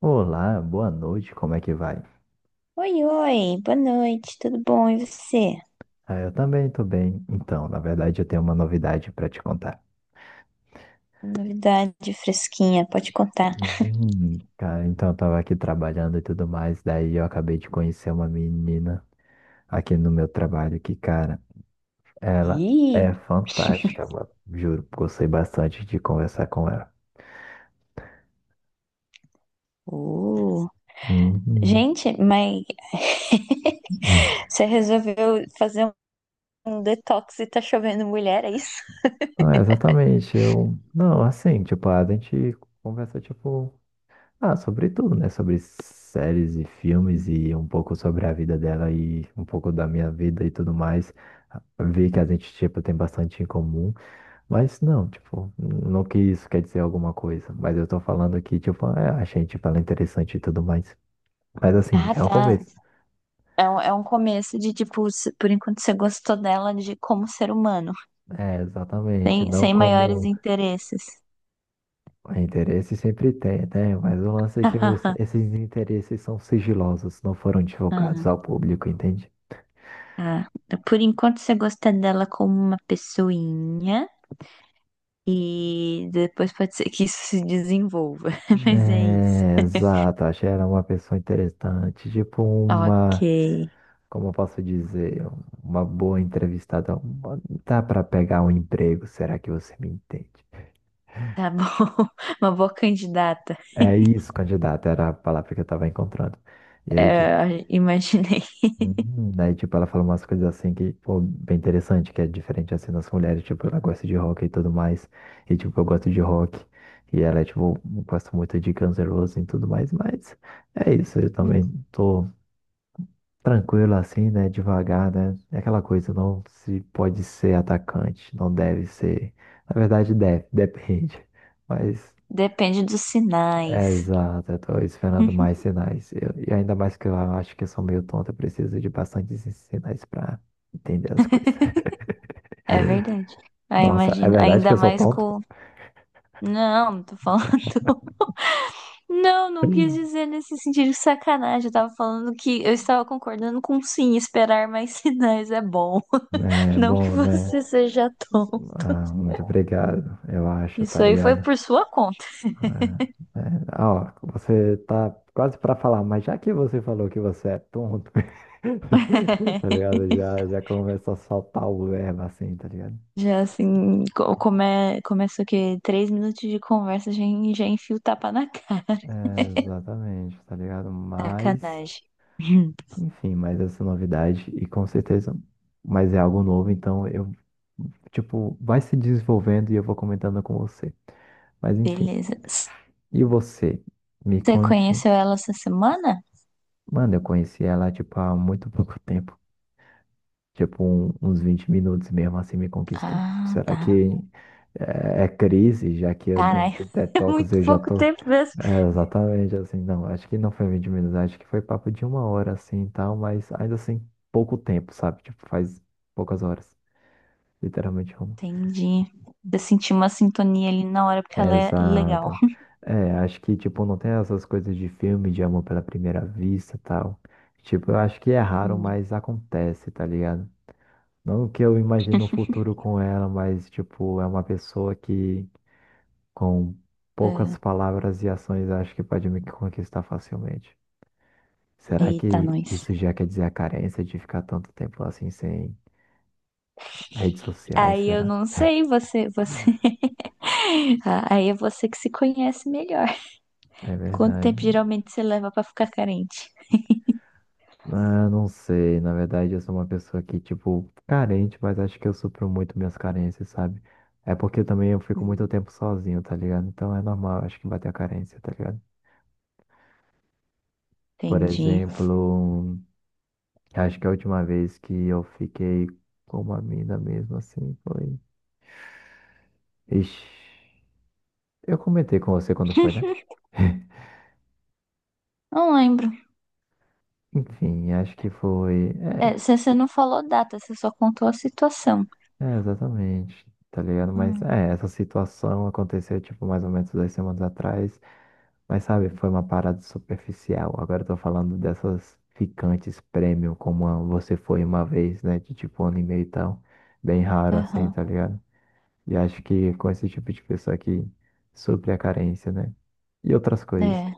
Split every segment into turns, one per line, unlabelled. Olá, boa noite, como é que vai?
Oi, oi, boa noite, tudo bom? E você?
Ah, eu também tô bem. Então, na verdade, eu tenho uma novidade pra te contar.
Novidade fresquinha, pode contar.
Cara, então eu tava aqui trabalhando e tudo mais, daí eu acabei de conhecer uma menina aqui no meu trabalho que, cara, ela
Ih,
é fantástica, mano. Juro, gostei bastante de conversar com ela.
uh,
Uhum.
gente, mas você resolveu fazer um detox e tá chovendo mulher, é isso?
Não, exatamente, eu... Não, assim, tipo, a gente conversa, tipo. Ah, sobre tudo, né? Sobre séries e filmes e um pouco sobre a vida dela e um pouco da minha vida e tudo mais. Vi que a gente, tipo, tem bastante em comum, mas não, tipo, não que isso quer dizer alguma coisa, mas eu tô falando que, tipo, é, achei, tipo, ela interessante e tudo mais. Mas assim,
Ah,
já é um
tá.
começo.
É um começo de, tipo, por enquanto você gostou dela de como ser humano,
É, exatamente,
sem,
não
sem maiores
como
interesses.
interesse sempre tem, né? Mas o lance é que esses interesses são sigilosos, não foram
Ah,
divulgados ao público, entende?
ah. Por enquanto você gosta dela como uma pessoinha. E depois pode ser que isso se desenvolva. Mas é isso.
É, exato, achei ela é uma pessoa interessante, tipo
Ok.
uma, como eu posso dizer, uma boa entrevistada, dá para pegar um emprego, será que você me entende?
Tá bom. Uma boa candidata.
É isso, candidato, era a palavra que eu tava encontrando. E aí, tipo,
É, imaginei.
uhum, daí, tipo, ela falou umas coisas assim que, pô, bem interessante, que é diferente assim das mulheres, tipo, ela gosta de rock e tudo mais, e tipo, eu gosto de rock, e ela, é, tipo, gosta muito de Guns N' Roses e tudo mais, mas é isso, eu também
Hum.
tô tranquilo assim, né? Devagar, né? É aquela coisa, não se pode ser atacante, não deve ser. Na verdade, deve, depende. Mas
Depende dos sinais.
é exato, eu tô esperando mais sinais. E ainda mais que eu acho que eu sou meio tonto, eu preciso de bastantes sinais para entender as coisas.
É verdade. Aí
Nossa, é
imagina,
verdade que
ainda
eu sou
mais
tonto?
com. Não, tô falando. Não, não quis dizer nesse sentido de sacanagem. Eu tava falando que eu estava concordando com sim, esperar mais sinais é bom.
É
Não que
bom, né?
você seja tonto.
Ah, muito obrigado, eu acho, tá
Isso aí foi
ligado?
por sua conta.
É, ah, ó, você tá quase pra falar, mas já que você falou que você é tonto, tá ligado? Já, já começa a soltar o verbo assim, tá ligado?
Já assim, começa o quê? 3 minutos de conversa, já, já enfia o tapa na cara.
É, exatamente, tá ligado? Mas,
Sacanagem. Hum,
enfim, mas essa novidade, e com certeza, mas é algo novo, então eu, tipo, vai se desenvolvendo e eu vou comentando com você. Mas, enfim,
Beleza. Você
e você? Me conte.
conheceu ela essa semana?
Mano, eu conheci ela, tipo, há muito pouco tempo. Tipo, uns 20 minutos mesmo assim me conquistou.
Ah,
Será
tá.
que é, é crise, já que eu dei um
Caralho, é
detox,
muito
eu já
pouco
tô.
tempo mesmo.
É, exatamente assim, não, acho que não foi 20 minutos, acho que foi papo de uma hora assim e tal, mas ainda assim, pouco tempo, sabe? Tipo, faz poucas horas, literalmente uma.
Entendi. Eu senti uma sintonia ali na hora porque ela é legal.
Exato. É, acho que, tipo, não tem essas coisas de filme, de amor pela primeira vista e tal. Tipo, eu acho que é raro,
Hum,
mas acontece, tá ligado? Não que eu imagino um futuro com ela, mas, tipo, é uma pessoa que, com
é.
poucas palavras e ações, acho que pode me conquistar facilmente. Será
Eita,
que
nós.
isso já quer dizer a carência de ficar tanto tempo assim sem redes sociais?
Aí eu
Será?
não sei, você. Ah, aí é você que se conhece melhor.
É
Quanto
verdade,
tempo
né?
geralmente você leva pra ficar carente?
Ah, não sei. Na verdade, eu sou uma pessoa que, tipo, carente, mas acho que eu supro muito minhas carências, sabe? É porque também eu fico muito
Hum.
tempo sozinho, tá ligado? Então é normal, acho que bater a carência, tá ligado? Por
Entendi.
exemplo. Acho que a última vez que eu fiquei com uma mina mesmo assim foi. Ixi, eu comentei com você quando foi, né?
Não lembro.
Enfim, acho que foi.
É, você não falou data, você só contou a situação.
É, é, exatamente, tá ligado? Mas
Hum,
é, essa situação aconteceu, tipo, mais ou menos 2 semanas atrás. Mas sabe, foi uma parada superficial. Agora eu tô falando dessas ficantes premium, como a você foi uma vez, né? De tipo um ano e meio e tal. Bem raro assim,
aham.
tá ligado? E acho que com esse tipo de pessoa que supre a carência, né? E outras coisas,
É.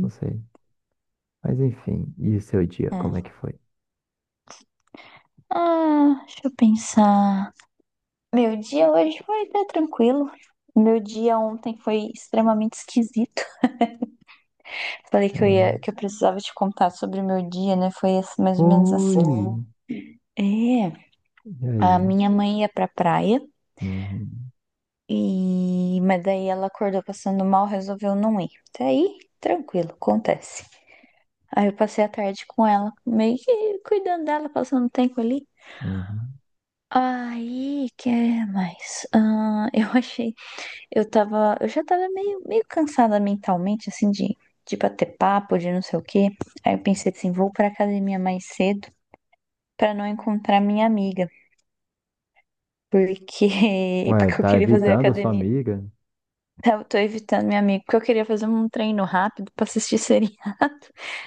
não sei. Mas enfim, e o seu dia, como é que
é.
foi?
Ah, deixa eu pensar. Meu dia hoje foi até tranquilo. Meu dia ontem foi extremamente esquisito. Falei
É,
que eu ia, que eu precisava te contar sobre o meu dia, né? Foi assim, mais ou menos assim.
foi!
É,
E
a
aí?
minha mãe ia pra praia
Uhum,
e mas daí ela acordou passando mal, resolveu não ir. Até aí, tranquilo, acontece. Aí eu passei a tarde com ela, meio que cuidando dela, passando tempo ali.
uhum.
Aí, que mais? Ah, eu já tava meio cansada mentalmente, assim, de bater papo, de não sei o quê. Aí eu pensei assim, vou pra academia mais cedo pra não encontrar minha amiga, porque,
Ué,
porque eu
tá
queria fazer
evitando a sua
academia.
amiga?
Eu tô evitando minha amiga, porque eu queria fazer um treino rápido pra assistir seriado,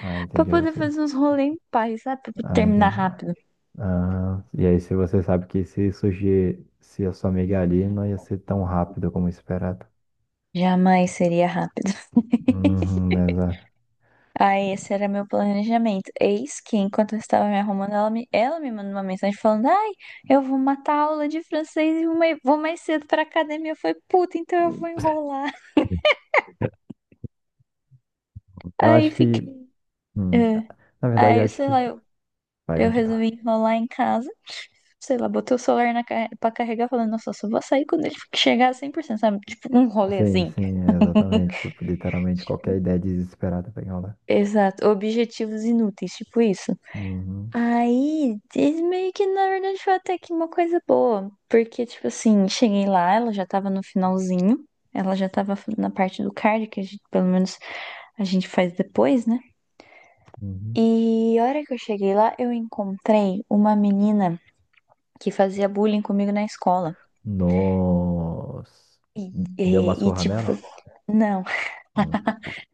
Ah,
pra
entendi
poder
você.
fazer uns rolê em paz, sabe? Pra
Ah,
terminar
entendi.
rápido.
Ah, e aí, se você sabe que se surgir, se a sua amiga é ali, não ia ser tão rápido como esperado.
Jamais seria rápido.
Uhum, exato.
Aí, esse era meu planejamento. Eis que, enquanto eu estava me arrumando, ela me mandou uma mensagem falando: Ai, eu vou matar a aula de francês e vou mais cedo pra academia. Eu falei: Puta, então eu vou enrolar.
Eu
Aí
acho que.
fiquei.
hum,
É.
Na verdade, eu
Aí,
acho
sei
que.
lá, eu,
Vai,
eu
continua.
resolvi enrolar em casa. Sei lá, botei o celular pra carregar, falando: Nossa, eu só vou sair quando ele chegar a 100%, sabe? Tipo, um rolê
Sim,
assim.
sim, exatamente. Tipo, literalmente qualquer ideia desesperada pra enrolar.
Exato. Objetivos inúteis, tipo isso.
Uhum,
Aí, isso meio que na verdade foi até que uma coisa boa, porque, tipo assim, cheguei lá, ela já tava no finalzinho, ela já tava na parte do card, pelo menos a gente faz depois, né?
uhum.
E a hora que eu cheguei lá, eu encontrei uma menina que fazia bullying comigo na escola.
Nossa.
E,
Deu uma
e, e,
surra
tipo,
nela?
não,
Hum.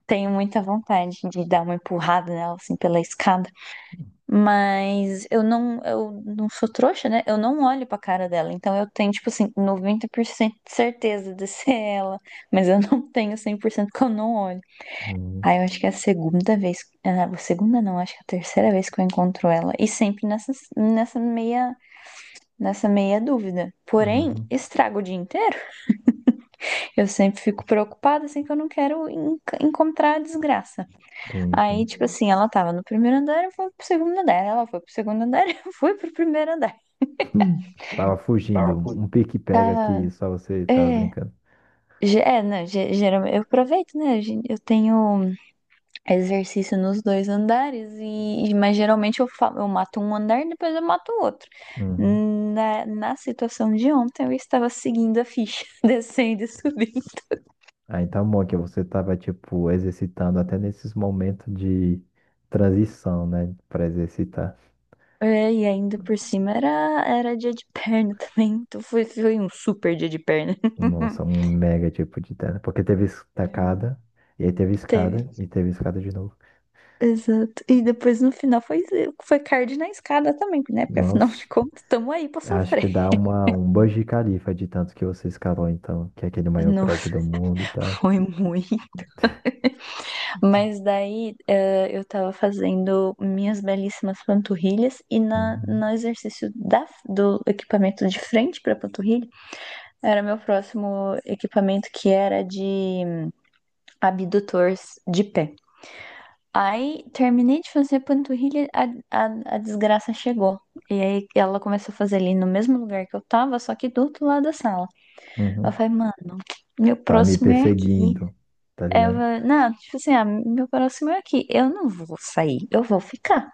tenho muita vontade de dar uma empurrada nela, assim, pela escada. Mas eu não sou trouxa, né? Eu não olho pra cara dela. Então eu tenho, tipo assim, 90% de certeza de ser ela. Mas eu não tenho 100% que eu não olho.
Uhum,
Aí eu acho que é a segunda vez. A segunda não, acho que é a terceira vez que eu encontro ela. E sempre nessa meia dúvida. Porém,
uhum.
estrago o dia inteiro. Eu sempre fico preocupada, assim, que eu não quero encontrar a desgraça.
Sim,
Aí,
sim.
tipo assim, ela tava no primeiro andar, eu fui pro segundo andar. Ela foi pro segundo andar, eu fui pro primeiro andar.
Hum. Tava
Tá,
fugindo.
pô,
Um pique-pega que
tá.
só você tava
É.
brincando.
É, não, geralmente eu aproveito, né? Eu tenho exercício nos dois andares, mas geralmente eu mato um andar e depois eu mato o outro.
Uhum.
Na situação de ontem, eu estava seguindo a ficha, descendo e subindo.
Ah, então bom que você tava, tipo, exercitando até nesses momentos de transição, né? Pra exercitar.
É, e ainda por cima era dia de perna também, então foi um super dia de perna.
Nossa, um mega tipo de terra. Porque teve
É.
estacada, e aí teve
Teve
escada, e teve escada de novo.
Exato. E depois no final foi card na escada também, né? Porque afinal
Nossa,
de contas, estamos aí pra
acho que
sofrer.
dá uma, um Burj Khalifa de tanto que você escalou, então, que é aquele maior prédio
Nossa,
do mundo e tal.
foi muito. Mas daí eu tava fazendo minhas belíssimas panturrilhas e na,
Uhum,
no exercício do equipamento de frente pra panturrilha, era meu próximo equipamento que era de abdutores de pé. Aí terminei de fazer panturrilha, a desgraça chegou. E aí ela começou a fazer ali no mesmo lugar que eu tava, só que do outro lado da sala. Eu
uhum.
falei, mano, meu
Tá me
próximo é aqui.
perseguindo, tá
Eu
ligado?
falei, não, tipo assim, meu próximo é aqui. Eu não vou sair, eu vou ficar.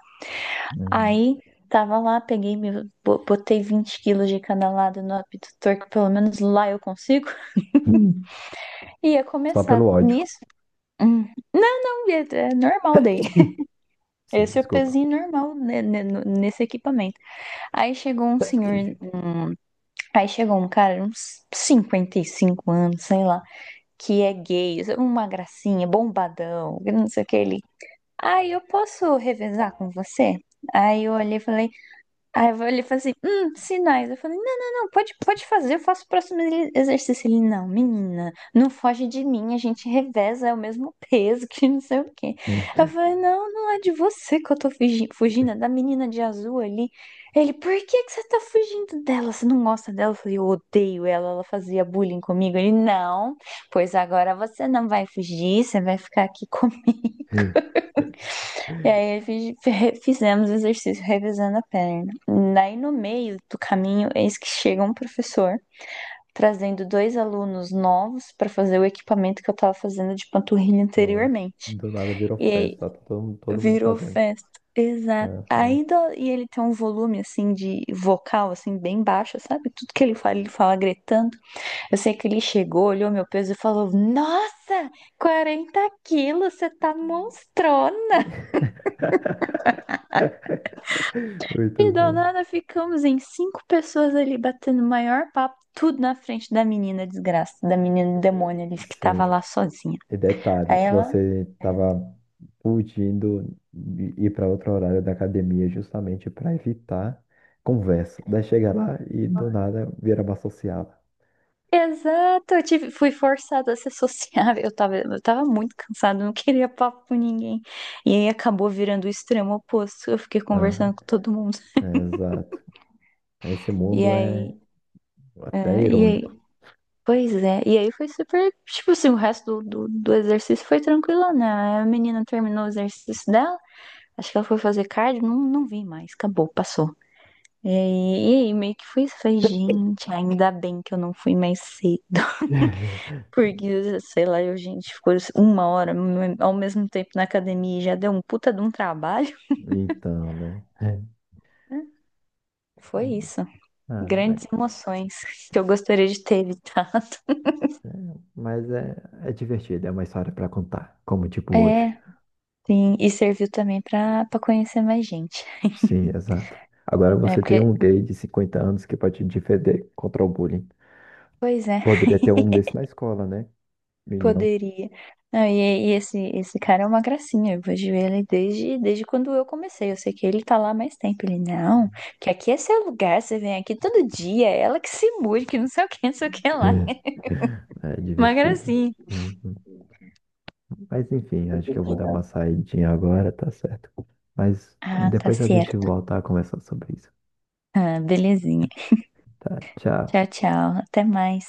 Uhum.
Aí tava lá, peguei, botei 20 quilos de cada lado no abdutor, que pelo menos lá eu consigo.
Hum.
E ia
Só pelo
começar.
ódio.
Nisso. hum, não, não, é normal daí.
Sim,
Esse é o
desculpa.
pezinho normal né, nesse equipamento. Aí chegou um senhor, um- aí chegou um cara, uns 55 anos, sei lá, que é gay, uma gracinha, bombadão, não sei o que ele. Aí eu posso revezar com você? Aí eu olhei e falei, ele falou assim, sinais. Eu falei, não, não, não, pode fazer, eu faço o próximo exercício. Ele, não, menina, não foge de mim, a gente reveza, é o mesmo peso que não sei o quê. Eu falei, não, não é de você que eu tô fugindo, é da menina de azul ali. Ele, por que que você tá fugindo dela? Você não gosta dela? Eu falei, eu odeio ela, ela fazia bullying comigo. Ele, não, pois agora você não vai fugir, você vai ficar aqui comigo. E aí fizemos o exercício revezando a perna. Daí no meio do caminho, eis que chega um professor trazendo dois alunos novos para fazer o equipamento que eu estava fazendo de panturrilha
Nossa,
anteriormente.
do nada virou
E aí
festa, todo mundo
virou
fazendo.
festa. Exato.
Aham.
Aí e ele tem um volume assim de vocal assim bem baixo, sabe? Tudo que ele fala gritando. Eu sei que ele chegou, olhou meu peso e falou: "Nossa, 40 quilos, você tá monstrona".
Muito
E do
bom.
nada ficamos em cinco pessoas ali batendo o maior papo, tudo na frente da menina desgraça, da menina demônio ali que
Sim.
tava lá sozinha.
E detalhe,
Aí ela.
você estava fugindo de ir para outro horário da academia justamente para evitar conversa. Daí chega lá e do nada vira uma sociala.
Exato, fui forçada a ser sociável. Eu tava muito cansada, não queria papo com ninguém. E aí acabou virando o extremo oposto. Eu fiquei
Aham,
conversando com todo mundo.
é, exato. Esse
E
mundo é
aí,
até
é, e
irônico.
aí, pois é. E aí foi super, tipo assim, o resto do exercício foi tranquilo, né? A menina terminou o exercício dela. Acho que ela foi fazer cardio, não, não vi mais, acabou, passou. E aí, meio que foi isso. Falei, gente, ainda bem que eu não fui mais cedo. Porque, sei lá, gente, ficou uma hora ao mesmo tempo na academia e já deu um puta de um trabalho.
Então, né? É.
Né? Foi isso.
Ah,
Grandes emoções que eu gostaria de ter evitado.
é, mas é, é divertido, é uma história para contar, como tipo hoje.
É, sim. E serviu também pra conhecer mais gente.
Sim, exato. Agora
É,
você tem
porque,
um gay de 50 anos que pode te defender contra o bullying.
pois é.
Poderia ter um desse na escola, né? E não.
Poderia. Não, e esse cara é uma gracinha. Eu vejo ele desde quando eu comecei. Eu sei que ele tá lá há mais tempo. Ele, não, que aqui é seu lugar, você vem aqui todo dia, é ela que se mude, que não sei o que, não sei o que lá.
É É
Uma
divertido.
gracinha.
Uhum. Mas enfim, acho que eu vou dar uma saidinha agora, tá certo. Mas
Ah, tá
depois a gente
certo.
volta a conversar sobre isso.
Ah, belezinha.
Tá, tchau.
Tchau, tchau. Até mais.